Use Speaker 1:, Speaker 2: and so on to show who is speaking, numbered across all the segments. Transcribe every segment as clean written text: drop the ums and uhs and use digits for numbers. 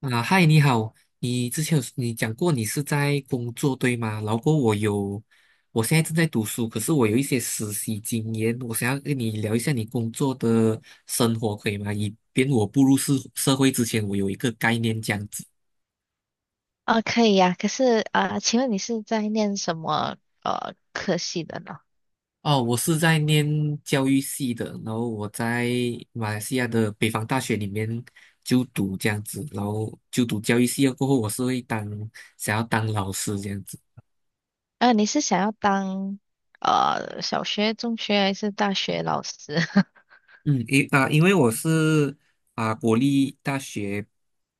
Speaker 1: 啊，嗨，你好，你之前你讲过你是在工作对吗？然后过后我现在正在读书，可是我有一些实习经验，我想要跟你聊一下你工作的生活，可以吗？以便我步入社会之前，我有一个概念这样子。
Speaker 2: 啊，可以呀、可是啊、请问你是在念什么科系的呢？
Speaker 1: 哦，我是在念教育系的，然后我在马来西亚的北方大学里面就读这样子，然后就读教育系了过后，我是想要当老师这样子。
Speaker 2: 你是想要当小学、中学还是大学老师？
Speaker 1: 嗯，因为我是国立大学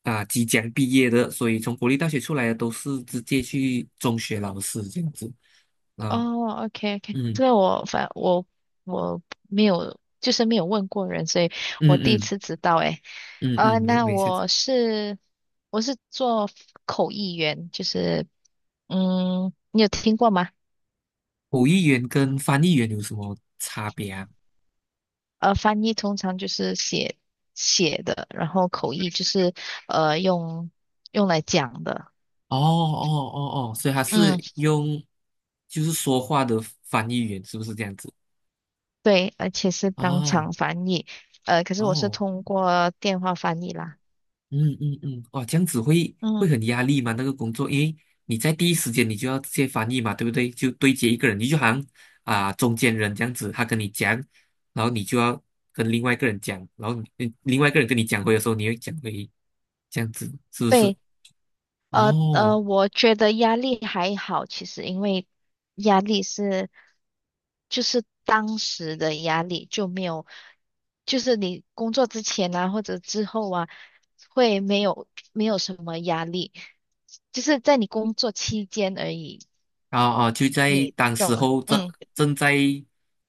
Speaker 1: 即将毕业的，所以从国立大学出来的都是直接去中学老师这样子啊，
Speaker 2: 哦，OK OK，
Speaker 1: 嗯
Speaker 2: 这个我反我我没有，就是没有问过人，所以我
Speaker 1: 嗯
Speaker 2: 第一
Speaker 1: 嗯
Speaker 2: 次知道诶。
Speaker 1: 嗯嗯，没
Speaker 2: 那
Speaker 1: 没事。
Speaker 2: 我是做口译员，就是你有听过吗？
Speaker 1: 口译员跟翻译员有什么差别啊？
Speaker 2: 翻译通常就是写的，然后口译就是呃用用来讲的。
Speaker 1: 哦哦哦哦，所以他
Speaker 2: 嗯，
Speaker 1: 是就是说话的翻译员，是不是这样子？
Speaker 2: 对，而且是当
Speaker 1: 啊
Speaker 2: 场翻译。可是我是
Speaker 1: 哦，
Speaker 2: 通过电话翻译啦。
Speaker 1: 嗯嗯嗯，哇，这样子会
Speaker 2: 嗯，
Speaker 1: 很压力吗？那个工作，因为你在第一时间你就要直接翻译嘛，对不对？就对接一个人，你就好像中间人这样子，他跟你讲，然后你就要跟另外一个人讲，然后你另外一个人跟你讲回的时候，你会讲回，这样子是不是？
Speaker 2: 对。
Speaker 1: 哦，
Speaker 2: 我觉得压力还好，其实因为压力是就是当时的压力就没有，就是你工作之前啊或者之后啊，会没有什么压力，就是在你工作期间而已，
Speaker 1: 啊啊，就在
Speaker 2: 你
Speaker 1: 当
Speaker 2: 懂
Speaker 1: 时
Speaker 2: 吗？
Speaker 1: 候正
Speaker 2: 嗯，
Speaker 1: 正在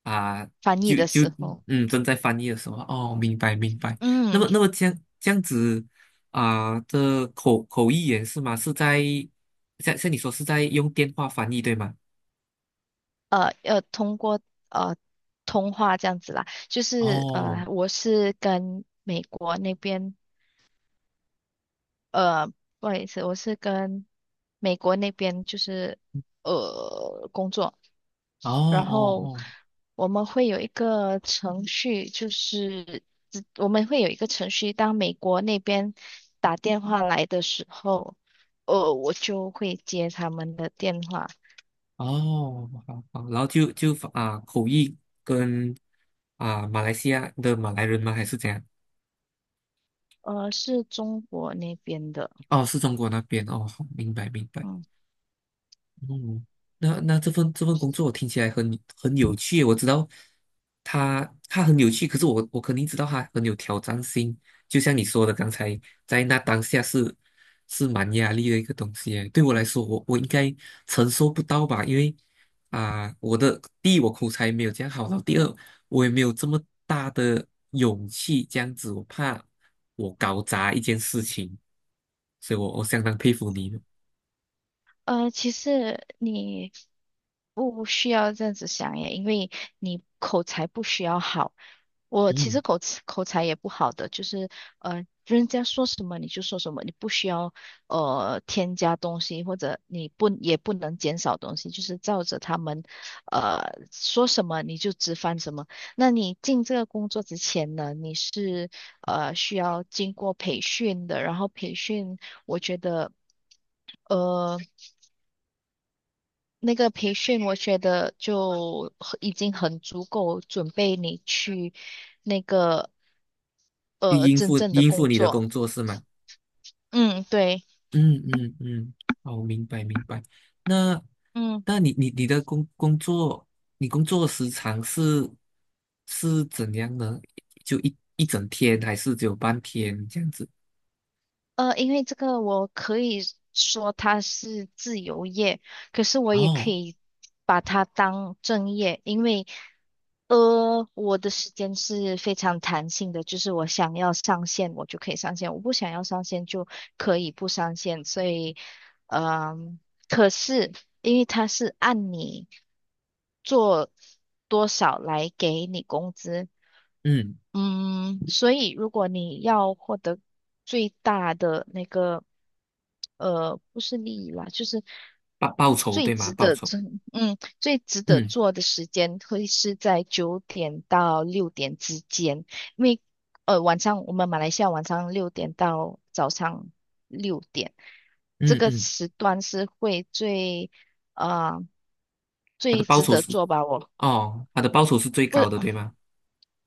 Speaker 1: 啊，
Speaker 2: 翻译
Speaker 1: 就
Speaker 2: 的
Speaker 1: 就
Speaker 2: 时候，
Speaker 1: 嗯正在翻译的时候，哦，明白明白。那
Speaker 2: 嗯，
Speaker 1: 么那么这样子这口译员是吗？是在像你说是在用电话翻译对吗？
Speaker 2: 要通过呃通话这样子啦，就是
Speaker 1: 哦
Speaker 2: 我是跟美国那边。呃，不好意思，我是跟美国那边就是工作，
Speaker 1: 哦
Speaker 2: 然后
Speaker 1: 哦
Speaker 2: 我们会有一个程序，就是我们会有一个程序，当美国那边打电话来的时候，我就会接他们的电话，
Speaker 1: 哦哦，好好，然后就就啊口译跟马来西亚的马来人吗？还是怎样？
Speaker 2: 是中国那边的，
Speaker 1: 哦，是中国那边哦，好，明白明白。
Speaker 2: 嗯。
Speaker 1: 嗯，那这份工作听起来很有趣，我知道他很有趣，可是我肯定知道他很有挑战性。就像你说的，刚才在那当下是蛮压力的一个东西耶对我来说，我应该承受不到吧？因为我的第一我口才没有这样好，然后第二我也没有这么大的勇气这样子，我怕我搞砸一件事情，所以我相当佩服你
Speaker 2: 其实你不需要这样子想耶，因为你口才不需要好。我其
Speaker 1: 嗯。
Speaker 2: 实口才也不好的，就是人家说什么你就说什么，你不需要添加东西，或者你不也不能减少东西，就是照着他们呃说什么你就直翻什么。那你进这个工作之前呢，你是需要经过培训的，然后培训。呃那个培训，我觉得已经很足够准备你去那个
Speaker 1: 去应
Speaker 2: 真
Speaker 1: 付
Speaker 2: 正的
Speaker 1: 应付
Speaker 2: 工
Speaker 1: 你的
Speaker 2: 作。
Speaker 1: 工作是吗？
Speaker 2: 嗯，对，
Speaker 1: 嗯嗯嗯，哦，明白明白。那
Speaker 2: 嗯。
Speaker 1: 那你的工作，你工作时长是怎样呢？就一整天，还是只有半天这样子？
Speaker 2: 因为这个我可以说它是自由业，可是我也可
Speaker 1: 哦，
Speaker 2: 以把它当正业，因为我的时间是非常弹性的，就是我想要上线我就可以上线，我不想要上线就可以不上线，所以嗯、可是因为它是按你做多少来给你工资，
Speaker 1: 嗯，
Speaker 2: 嗯，所以如果你要获得最大的那个，不是利益啦，就是
Speaker 1: 报酬
Speaker 2: 最
Speaker 1: 对吗？
Speaker 2: 值
Speaker 1: 报
Speaker 2: 得
Speaker 1: 酬，
Speaker 2: 做，最值得
Speaker 1: 嗯
Speaker 2: 做的时间会是在9点到六点之间，因为晚上我们马来西亚晚上六点到早上六点，这
Speaker 1: 嗯
Speaker 2: 个
Speaker 1: 嗯，
Speaker 2: 时段是会呃
Speaker 1: 他的
Speaker 2: 最
Speaker 1: 报
Speaker 2: 值
Speaker 1: 酬
Speaker 2: 得
Speaker 1: 是
Speaker 2: 做吧，我。
Speaker 1: 哦，他的报酬是最高的对吗？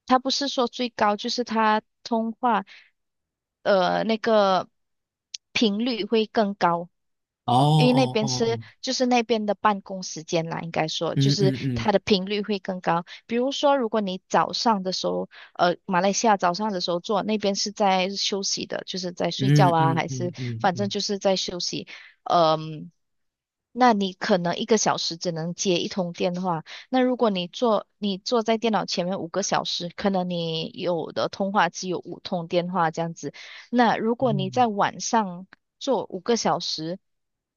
Speaker 2: 他不是说最高，就是他通话，那个频率会更高，
Speaker 1: 哦
Speaker 2: 因为那
Speaker 1: 哦哦
Speaker 2: 边是
Speaker 1: 哦，
Speaker 2: 就是那边的办公时间啦，应该说就
Speaker 1: 嗯
Speaker 2: 是
Speaker 1: 嗯嗯
Speaker 2: 它的频率会更高。比如说，如果你早上的时候，马来西亚早上的时候做，那边是在休息的，就是在睡觉
Speaker 1: 嗯
Speaker 2: 啊，
Speaker 1: 嗯
Speaker 2: 还是
Speaker 1: 嗯嗯
Speaker 2: 反正
Speaker 1: 嗯
Speaker 2: 就是在休息，呃嗯、那你可能1个小时只能接一通电话，那如果你坐在电脑前面五个小时，可能你有的通话只有五通电话这样子。那如果你在
Speaker 1: 嗯，
Speaker 2: 晚上做五个小时，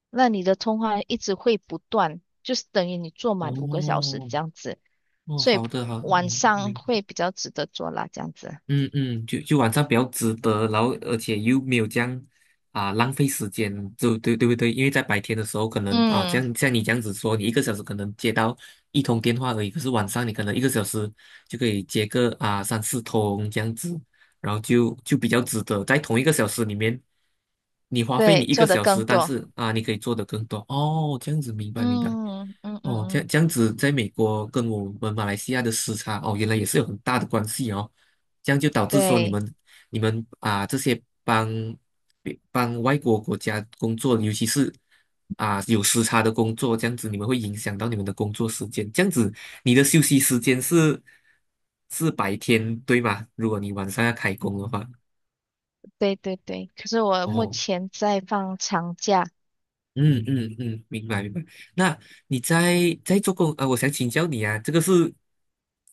Speaker 2: 那你的通话一直会不断，就是等于你坐满五个小时
Speaker 1: 哦
Speaker 2: 这样子。
Speaker 1: 哦，
Speaker 2: 所以
Speaker 1: 好的好的，
Speaker 2: 晚上
Speaker 1: 明
Speaker 2: 会比较值得做啦，这样子。
Speaker 1: 嗯嗯，就晚上比较值得，然后而且又没有这样浪费时间，就对对不对？因为在白天的时候，可能啊，
Speaker 2: 嗯，
Speaker 1: 像你这样子说，你一个小时可能接到一通电话而已，可是晚上你可能一个小时就可以接个三四通这样子，然后就比较值得，在同一个小时里面，你花费你
Speaker 2: 对，
Speaker 1: 一个
Speaker 2: 做的
Speaker 1: 小
Speaker 2: 更
Speaker 1: 时，但
Speaker 2: 多。
Speaker 1: 是啊，你可以做的更多哦，这样子明白明白。
Speaker 2: 嗯嗯嗯
Speaker 1: 哦，这样
Speaker 2: 嗯，
Speaker 1: 这样子，在美国跟我们马来西亚的时差哦，原来也是有很大的关系哦。这样就导致说你
Speaker 2: 对
Speaker 1: 们这些帮外国国家工作，尤其是有时差的工作，这样子你们会影响到你们的工作时间。这样子你的休息时间是白天，对吗？如果你晚上要开工的话，
Speaker 2: 对对对。可是我目
Speaker 1: 哦，
Speaker 2: 前在放长假。
Speaker 1: 嗯嗯嗯，明白明白。那你在做工啊？我想请教你啊，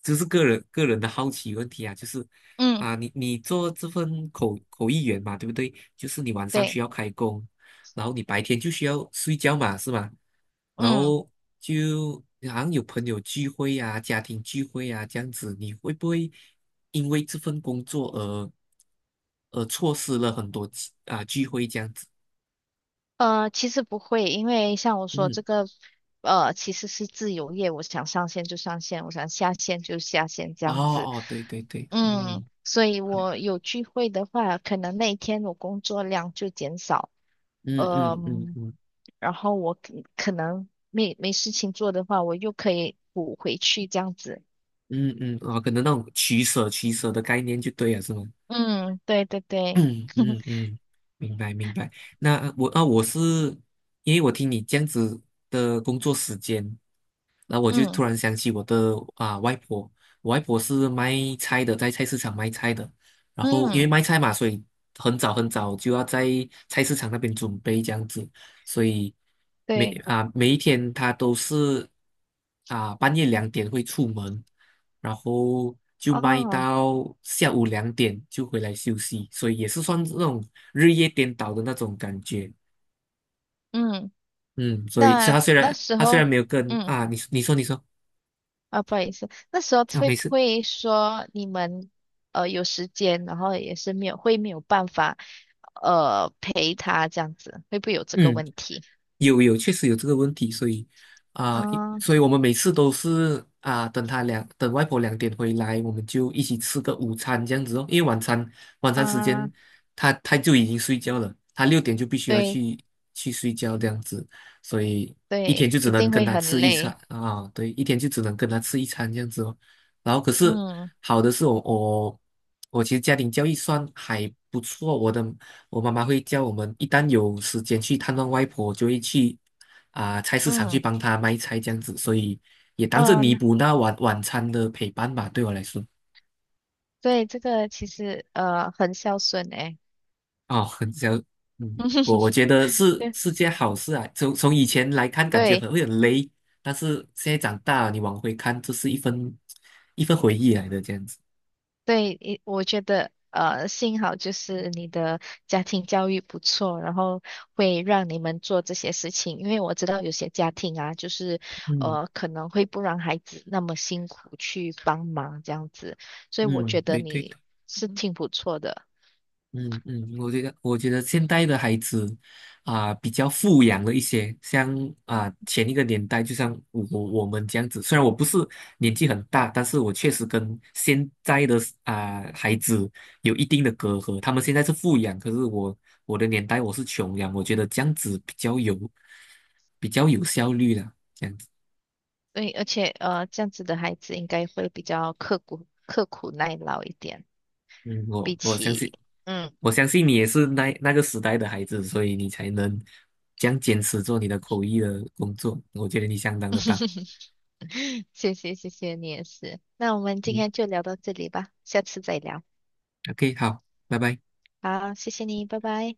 Speaker 1: 这是个人的好奇问题啊，就是
Speaker 2: 嗯，
Speaker 1: 啊，你做这份口译员嘛，对不对？就是你晚上需
Speaker 2: 对，
Speaker 1: 要开工，然后你白天就需要睡觉嘛，是吗？然
Speaker 2: 嗯。
Speaker 1: 后就好像有朋友聚会啊、家庭聚会啊这样子，你会不会因为这份工作而错失了很多聚会这样子？
Speaker 2: 其实不会，因为像我说
Speaker 1: 嗯。
Speaker 2: 这个，其实是自由业，我想上线就上线，我想下线就下线这
Speaker 1: 哦
Speaker 2: 样子。
Speaker 1: 哦，对对对，
Speaker 2: 嗯，
Speaker 1: 嗯
Speaker 2: 所以
Speaker 1: 嗯
Speaker 2: 我有聚会的话，可能那一天我工作量就减少，
Speaker 1: 嗯嗯
Speaker 2: 嗯，
Speaker 1: 嗯
Speaker 2: 然后我可能没事情做的话，我又可以补回去这样子。
Speaker 1: 嗯嗯，哦，可能那种取舍的概念就对了，是吗？
Speaker 2: 嗯，对对对，
Speaker 1: 嗯嗯 嗯，明白明白。那我是因为我听你这样子的工作时间，那我就突
Speaker 2: 嗯
Speaker 1: 然想起我的外婆，我外婆是卖菜的，在菜市场卖菜的。然后因为
Speaker 2: 嗯，
Speaker 1: 卖菜嘛，所以很早很早就要在菜市场那边准备这样子。所以每
Speaker 2: 对，
Speaker 1: 啊每一天他都是半夜两点会出门，然后就卖
Speaker 2: 哦，
Speaker 1: 到下午两点就回来休息，所以也是算那种日夜颠倒的那种感觉。
Speaker 2: 嗯，
Speaker 1: 嗯，所以
Speaker 2: 那
Speaker 1: 他虽
Speaker 2: 那
Speaker 1: 然
Speaker 2: 时
Speaker 1: 他虽
Speaker 2: 候。
Speaker 1: 然没有跟，
Speaker 2: 嗯。
Speaker 1: 你你说你说
Speaker 2: 啊，不好意思，那时候
Speaker 1: 啊，
Speaker 2: 会
Speaker 1: 没
Speaker 2: 不
Speaker 1: 事，
Speaker 2: 会说你们有时间，然后也是没有会没有办法陪他这样子，会不会有这个
Speaker 1: 嗯。
Speaker 2: 问题？
Speaker 1: 有有，确实有这个问题，所以
Speaker 2: 嗯
Speaker 1: 所以我们每次都是等外婆两点回来，我们就一起吃个午餐这样子哦。因为晚餐时间
Speaker 2: 嗯，
Speaker 1: 他就已经睡觉了，他6点就必须要
Speaker 2: 对
Speaker 1: 去睡觉这样子，所以一天
Speaker 2: 对，
Speaker 1: 就
Speaker 2: 一
Speaker 1: 只能
Speaker 2: 定
Speaker 1: 跟
Speaker 2: 会
Speaker 1: 他
Speaker 2: 很
Speaker 1: 吃一餐
Speaker 2: 累。
Speaker 1: 啊、对，一天就只能跟他吃一餐这样子哦。然后可是
Speaker 2: 嗯
Speaker 1: 好的是我其实家庭教育算还不错，我妈妈会叫我们一旦有时间去探望外婆，就会去菜市场去
Speaker 2: 嗯
Speaker 1: 帮她卖菜这样子，所以也当是弥
Speaker 2: 嗯，
Speaker 1: 补那晚餐的陪伴吧，对我来说。
Speaker 2: 对，这个其实很孝顺诶。
Speaker 1: 哦，很想，嗯，我觉得是
Speaker 2: 对
Speaker 1: 件好事啊。从以前来看，感觉
Speaker 2: 对。
Speaker 1: 很会很累，但是现在长大了，你往回看，这是一份回忆来的这样子。
Speaker 2: 对，我觉得幸好就是你的家庭教育不错，然后会让你们做这些事情。因为我知道有些家庭啊，就是
Speaker 1: 嗯
Speaker 2: 可能会不让孩子那么辛苦去帮忙这样子，所以我
Speaker 1: 嗯，
Speaker 2: 觉得
Speaker 1: 对对对。
Speaker 2: 你是挺不错的。
Speaker 1: 嗯嗯，我觉得现代的孩子比较富养了一些，像前一个年代，就像我们这样子，虽然我不是年纪很大，但是我确实跟现在的孩子有一定的隔阂。他们现在是富养，可是我的年代我是穷养，我觉得这样子比较有效率的。
Speaker 2: 对，而且这样子的孩子应该会比较刻苦耐劳一点，
Speaker 1: 嗯，
Speaker 2: 比
Speaker 1: 我相信，
Speaker 2: 起嗯，
Speaker 1: 我相信你也是那个时代的孩子，所以你才能这样坚持做你的口译的工作。我觉得你相当的棒。
Speaker 2: 谢谢谢谢你也是。那我们今
Speaker 1: 嗯
Speaker 2: 天就聊到这里吧，下次再聊。
Speaker 1: ，OK，好，拜拜。
Speaker 2: 好，谢谢你，拜拜。